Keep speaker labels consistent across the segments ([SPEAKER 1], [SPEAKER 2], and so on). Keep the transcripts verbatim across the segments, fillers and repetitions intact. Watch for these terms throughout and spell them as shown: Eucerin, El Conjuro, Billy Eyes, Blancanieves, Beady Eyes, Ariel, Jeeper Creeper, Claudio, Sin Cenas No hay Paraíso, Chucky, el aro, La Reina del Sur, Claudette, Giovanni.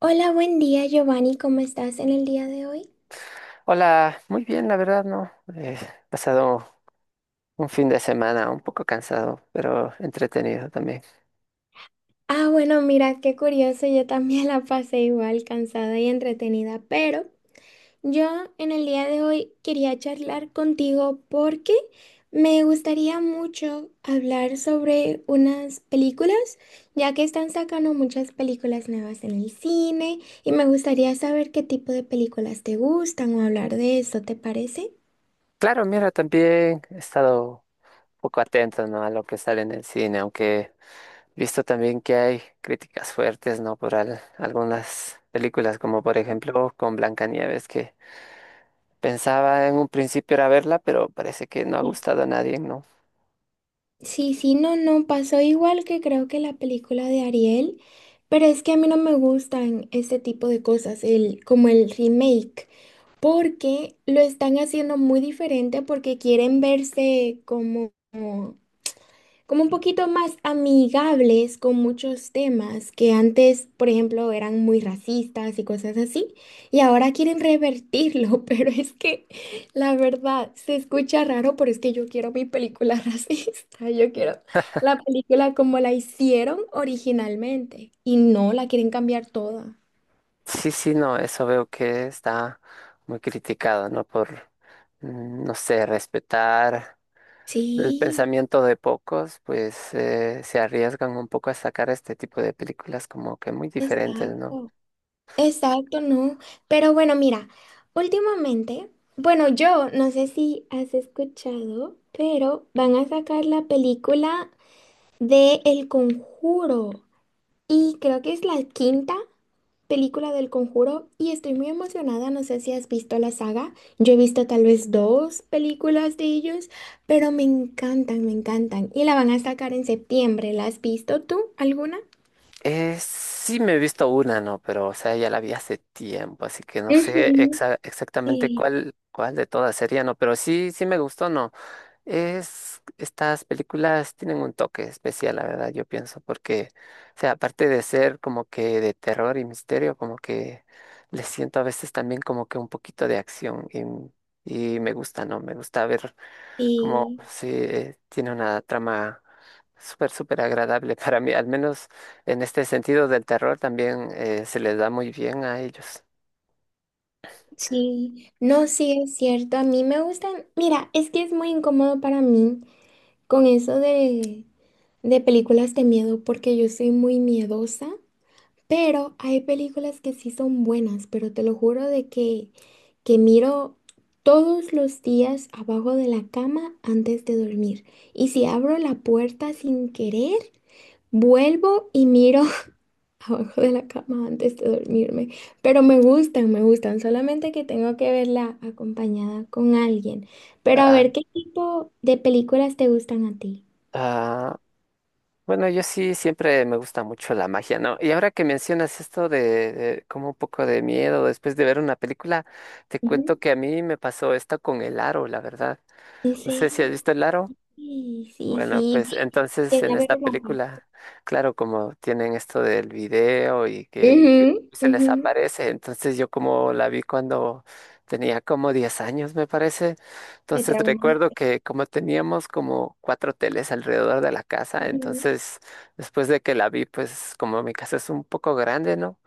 [SPEAKER 1] Hola, buen día Giovanni, ¿cómo estás en el día de hoy?
[SPEAKER 2] Hola, muy bien, la verdad, ¿no? He pasado un fin de semana un poco cansado, pero entretenido también.
[SPEAKER 1] Ah, bueno, mira, qué curioso, yo también la pasé igual, cansada y entretenida, pero yo en el día de hoy quería charlar contigo porque me gustaría mucho hablar sobre unas películas, ya que están sacando muchas películas nuevas en el cine y me gustaría saber qué tipo de películas te gustan o hablar de eso, ¿te parece?
[SPEAKER 2] Claro, mira, también he estado un poco atento, ¿no? A lo que sale en el cine, aunque he visto también que hay críticas fuertes, ¿no? Por al- algunas películas, como por ejemplo con Blancanieves, que pensaba en un principio era verla, pero parece que no ha gustado a nadie, ¿no?
[SPEAKER 1] Sí, sí, no, no, pasó igual que creo que la película de Ariel, pero es que a mí no me gustan este tipo de cosas, el, como el remake, porque lo están haciendo muy diferente porque quieren verse como como un poquito más amigables con muchos temas que antes, por ejemplo, eran muy racistas y cosas así, y ahora quieren revertirlo, pero es que la verdad se escucha raro, pero es que yo quiero mi película racista, yo quiero la película como la hicieron originalmente y no la quieren cambiar toda.
[SPEAKER 2] Sí, sí, no, eso veo que está muy criticado, ¿no? Por, mm, no sé, respetar. El
[SPEAKER 1] Sí,
[SPEAKER 2] pensamiento de pocos, pues eh, se arriesgan un poco a sacar este tipo de películas como que muy diferentes, ¿no?
[SPEAKER 1] exacto. Exacto, no. Pero bueno, mira, últimamente, bueno, yo no sé si has escuchado, pero van a sacar la película de El Conjuro. Y creo que es la quinta película del Conjuro y estoy muy emocionada. No sé si has visto la saga. Yo he visto tal vez dos películas de ellos, pero me encantan, me encantan. Y la van a sacar en septiembre. ¿La has visto tú alguna?
[SPEAKER 2] Eh, sí me he visto una, ¿no? Pero, o sea, ya la vi hace tiempo, así que no sé
[SPEAKER 1] Ujú.
[SPEAKER 2] exa- exactamente
[SPEAKER 1] Sí,
[SPEAKER 2] cuál, cuál de todas sería, ¿no? Pero sí, sí me gustó, ¿no? Es, estas películas tienen un toque especial, la verdad, yo pienso, porque, o sea, aparte de ser como que de terror y misterio, como que les siento a veces también como que un poquito de acción y, y me gusta, ¿no? Me gusta ver como
[SPEAKER 1] sí.
[SPEAKER 2] si tiene una trama súper, súper agradable para mí, al menos en este sentido del terror también eh, se les da muy bien a ellos.
[SPEAKER 1] Sí, no, sí es cierto. A mí me gustan. Mira, es que es muy incómodo para mí con eso de, de películas de miedo, porque yo soy muy miedosa, pero hay películas que sí son buenas, pero te lo juro de que, que miro todos los días abajo de la cama antes de dormir. Y si abro la puerta sin querer, vuelvo y miro abajo de la cama antes de dormirme, pero me gustan, me gustan, solamente que tengo que verla acompañada con alguien. Pero a
[SPEAKER 2] Ah,
[SPEAKER 1] ver, ¿qué tipo de películas te gustan a ti?
[SPEAKER 2] ah, Bueno, yo sí siempre me gusta mucho la magia, ¿no? Y ahora que mencionas esto de, de como un poco de miedo después de ver una película, te cuento
[SPEAKER 1] Ujú.
[SPEAKER 2] que a mí me pasó esto con el aro, la verdad.
[SPEAKER 1] ¿En
[SPEAKER 2] No sé si has
[SPEAKER 1] serio?
[SPEAKER 2] visto el aro.
[SPEAKER 1] Sí, sí,
[SPEAKER 2] Bueno,
[SPEAKER 1] sí,
[SPEAKER 2] pues
[SPEAKER 1] vi-
[SPEAKER 2] entonces
[SPEAKER 1] llegué
[SPEAKER 2] en
[SPEAKER 1] a ver
[SPEAKER 2] esta
[SPEAKER 1] una parte.
[SPEAKER 2] película, claro, como tienen esto del video y que
[SPEAKER 1] Ujú,
[SPEAKER 2] se les
[SPEAKER 1] ujú.
[SPEAKER 2] aparece, entonces yo como la vi cuando tenía como diez años, me parece,
[SPEAKER 1] Te
[SPEAKER 2] entonces
[SPEAKER 1] traumas.
[SPEAKER 2] recuerdo que como teníamos como cuatro teles alrededor de la casa,
[SPEAKER 1] Ujú.
[SPEAKER 2] entonces después de que la vi, pues como mi casa es un poco grande, ¿no?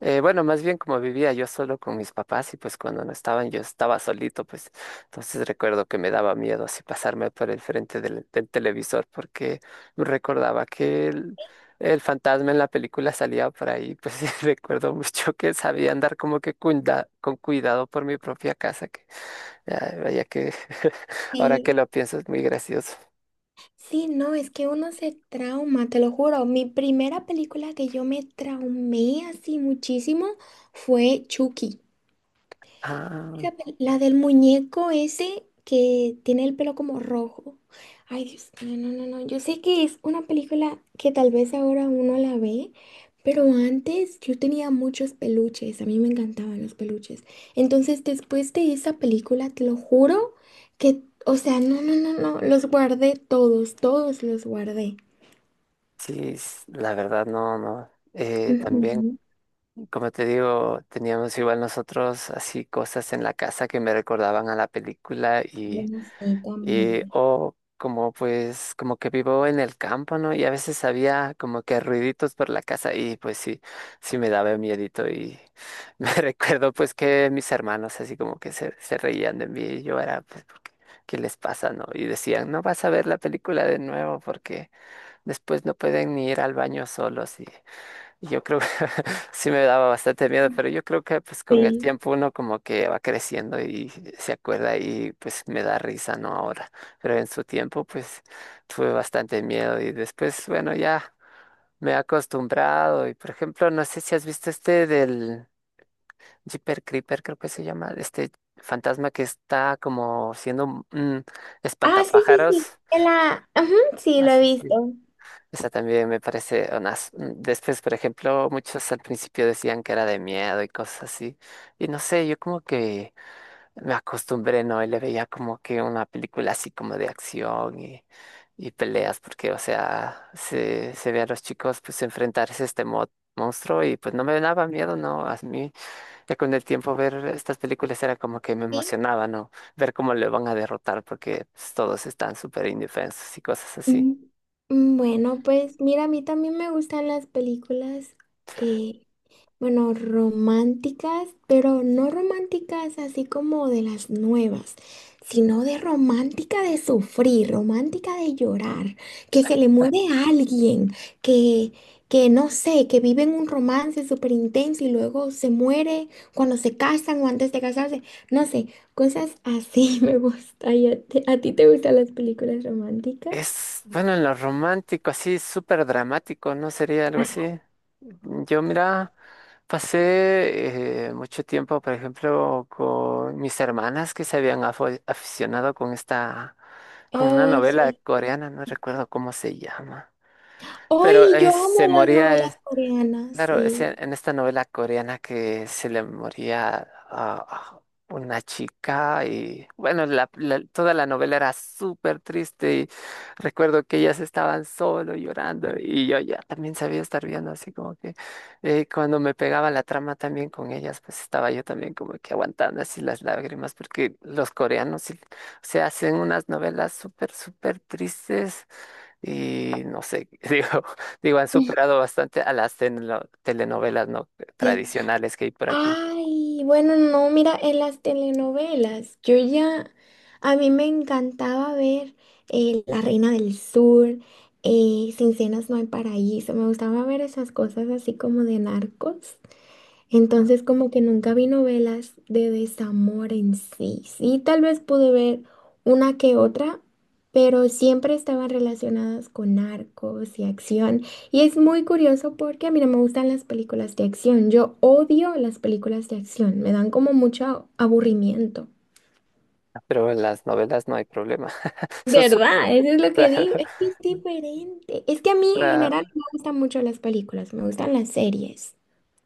[SPEAKER 2] Eh, bueno, más bien como vivía yo solo con mis papás y pues cuando no estaban yo estaba solito, pues entonces recuerdo que me daba miedo así pasarme por el frente del, del televisor porque recordaba que el, el fantasma en la película salía por ahí, pues y recuerdo mucho que sabía andar como que cuida- con cuidado por mi propia casa, que ah, vaya que ahora que
[SPEAKER 1] Sí.
[SPEAKER 2] lo pienso es muy gracioso.
[SPEAKER 1] Sí, no, es que uno se trauma, te lo juro. Mi primera película que yo me traumé así muchísimo fue Chucky.
[SPEAKER 2] Ah,
[SPEAKER 1] La, pel- la del muñeco ese que tiene el pelo como rojo. Ay, Dios, no, no, no, no. Yo sé que es una película que tal vez ahora uno la ve, pero antes yo tenía muchos peluches. A mí me encantaban los peluches. Entonces, después de esa película, te lo juro que, o sea, no, no, no, no. Los guardé todos, todos los guardé.
[SPEAKER 2] sí, s- la verdad no, no. Eh, también
[SPEAKER 1] Ujú.
[SPEAKER 2] como te digo, teníamos igual nosotros así cosas en la casa que me recordaban a la película
[SPEAKER 1] Yo
[SPEAKER 2] y,
[SPEAKER 1] no sé
[SPEAKER 2] y
[SPEAKER 1] también.
[SPEAKER 2] o como pues como que vivo en el campo, ¿no? Y a veces había como que ruiditos por la casa y pues sí, sí me daba miedito y me recuerdo pues que mis hermanos así como que se, se reían de mí y yo era pues porque, ¿qué les pasa, no? Y decían, no vas a ver la película de nuevo porque después no pueden ni ir al baño solos yo creo que sí me daba bastante miedo, pero yo creo que pues con el
[SPEAKER 1] Sí.
[SPEAKER 2] tiempo uno como que va creciendo y se acuerda y pues me da risa, ¿no? Ahora, pero en su tiempo pues tuve bastante miedo y después, bueno, ya me he acostumbrado y por ejemplo, no sé si has visto este del Jeeper Creeper, creo que se llama, este fantasma que está como siendo un un
[SPEAKER 1] Ah, sí, sí, sí.
[SPEAKER 2] espantapájaros.
[SPEAKER 1] En la... Ajá, sí, lo he
[SPEAKER 2] Así
[SPEAKER 1] visto.
[SPEAKER 2] esa también me parece unas... mm, Después, por ejemplo, muchos al principio decían que era de miedo y cosas así. Y no sé, yo como que me acostumbré, ¿no? Y le veía como que una película así como de acción y, y peleas, porque, o sea, se, se ve a los chicos pues enfrentarse a este mo- monstruo y pues no me daba miedo, ¿no? A mí, ya con el tiempo ver estas películas era como que me
[SPEAKER 1] Sí.
[SPEAKER 2] emocionaba, ¿no? Ver cómo le van a derrotar porque pues, todos están súper indefensos y cosas así.
[SPEAKER 1] Mm, mm, bueno, pues mira, a mí también me gustan las películas, eh, bueno, románticas, pero no románticas así como de las nuevas, sino de romántica de sufrir, romántica de llorar, que se le muere a alguien, que, que no sé, que viven un romance súper intenso y luego se muere cuando se casan o antes de casarse, no sé, cosas así me gusta. ¿Y a ti a ti te gustan las películas románticas?
[SPEAKER 2] Es, bueno, en lo romántico, así súper dramático, ¿no? Sería algo así. Yo, mira, pasé eh, mucho tiempo, por ejemplo, con mis hermanas que se habían afo- aficionado con esta, con una
[SPEAKER 1] Oh,
[SPEAKER 2] novela
[SPEAKER 1] sí.
[SPEAKER 2] coreana, no recuerdo cómo se llama, pero
[SPEAKER 1] Hoy yo
[SPEAKER 2] eh, se
[SPEAKER 1] amo las novelas
[SPEAKER 2] moría.
[SPEAKER 1] coreanas,
[SPEAKER 2] Claro, es
[SPEAKER 1] sí.
[SPEAKER 2] en, en esta novela coreana que se le moría a a una chica y bueno, la- la- toda la novela era súper triste y recuerdo que ellas estaban solo llorando y yo ya también sabía estar viendo así como que eh, cuando me pegaba la trama también con ellas, pues estaba yo también como que aguantando así las lágrimas porque los coreanos sí- se hacen unas novelas súper, súper tristes y no sé, digo, digo, han
[SPEAKER 1] Ujú.
[SPEAKER 2] superado bastante a las tenelo- telenovelas no
[SPEAKER 1] Sí.
[SPEAKER 2] tradicionales que hay por aquí.
[SPEAKER 1] Ay, bueno, no, mira, en las telenovelas, yo ya, a mí me encantaba ver eh, La Reina del Sur, eh, Sin Cenas No hay Paraíso, me gustaba ver esas cosas así como de narcos. Entonces como que nunca vi novelas de desamor en sí. Sí, tal vez pude ver una que otra, pero siempre estaban relacionadas con narcos y acción. Y es muy curioso porque a mí no me gustan las películas de acción. Yo odio las películas de acción. Me dan como mucho aburrimiento.
[SPEAKER 2] Pero en las novelas no hay problema. Son súper
[SPEAKER 1] ¿Verdad? Eso es lo que digo. Es que es diferente. Es que a mí en general
[SPEAKER 2] Claro,
[SPEAKER 1] no me gustan mucho las películas, me gustan las series.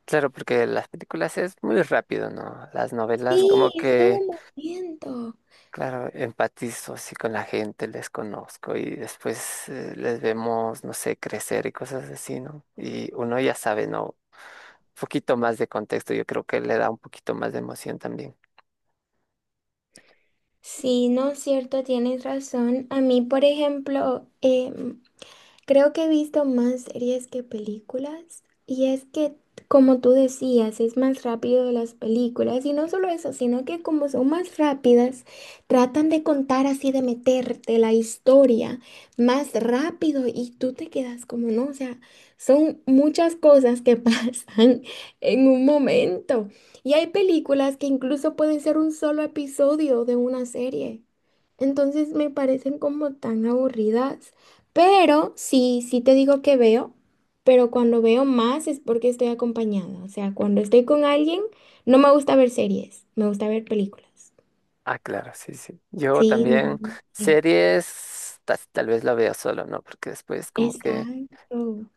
[SPEAKER 2] claro, porque las películas es muy rápido, ¿no? Las novelas
[SPEAKER 1] Sí,
[SPEAKER 2] como
[SPEAKER 1] es todo
[SPEAKER 2] que,
[SPEAKER 1] un movimiento.
[SPEAKER 2] claro, empatizo así con la gente, les conozco y después eh, les vemos, no sé, crecer y cosas así, ¿no? Y uno ya sabe, ¿no? Un poquito más de contexto, yo creo que le da un poquito más de emoción también.
[SPEAKER 1] Sí, no es cierto, tienes razón. A mí, por ejemplo, eh, creo que he visto más series que películas y es que, como tú decías, es más rápido de las películas y no solo eso, sino que como son más rápidas, tratan de contar así, de meterte la historia más rápido y tú te quedas como no, o sea, son muchas cosas que pasan en un momento y hay películas que incluso pueden ser un solo episodio de una serie, entonces me parecen como tan aburridas. Pero sí, sí te digo que veo, pero cuando veo más es porque estoy acompañada. O sea, cuando estoy con alguien, no me gusta ver series, me gusta ver películas.
[SPEAKER 2] Ah, claro, sí, sí. Yo
[SPEAKER 1] Sí,
[SPEAKER 2] también
[SPEAKER 1] mm, sí,
[SPEAKER 2] series ta- tal vez la veo solo, ¿no? Porque después como que,
[SPEAKER 1] exacto.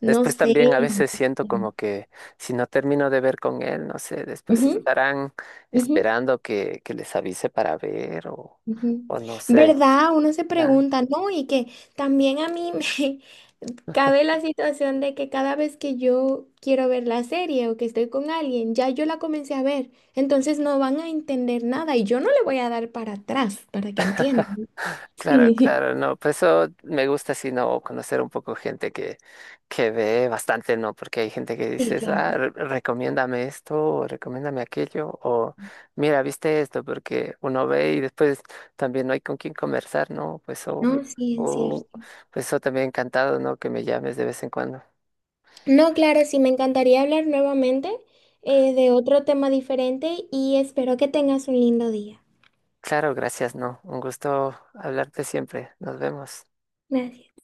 [SPEAKER 1] No
[SPEAKER 2] después
[SPEAKER 1] sé.
[SPEAKER 2] también a veces siento como que si no termino de ver con él, no sé, después
[SPEAKER 1] Ujú,
[SPEAKER 2] estarán
[SPEAKER 1] ujú.
[SPEAKER 2] esperando que, que les avise para ver o,
[SPEAKER 1] Ujú.
[SPEAKER 2] o no sé.
[SPEAKER 1] ¿Verdad? Uno se pregunta, ¿no? Y que también a mí me cabe la situación de que cada vez que yo quiero ver la serie o que estoy con alguien, ya yo la comencé a ver, entonces no van a entender nada y yo no le voy a dar para atrás para que entiendan.
[SPEAKER 2] Claro,
[SPEAKER 1] Sí.
[SPEAKER 2] claro, no, pues eso me gusta así, ¿no? Conocer un poco gente que, que ve bastante, ¿no? Porque hay gente que
[SPEAKER 1] Sí,
[SPEAKER 2] dices, ah,
[SPEAKER 1] claro.
[SPEAKER 2] re- recomiéndame esto, o recomiéndame aquello, o mira, viste esto, porque uno ve y después también no hay con quién conversar, ¿no? Pues o
[SPEAKER 1] No, sí, es
[SPEAKER 2] o
[SPEAKER 1] cierto.
[SPEAKER 2] pues eso también encantado, ¿no? Que me llames de vez en cuando.
[SPEAKER 1] No, claro, sí, me encantaría hablar nuevamente eh, de otro tema diferente y espero que tengas un lindo día.
[SPEAKER 2] Claro, gracias, ¿no? Un gusto hablarte siempre. Nos vemos.
[SPEAKER 1] Gracias.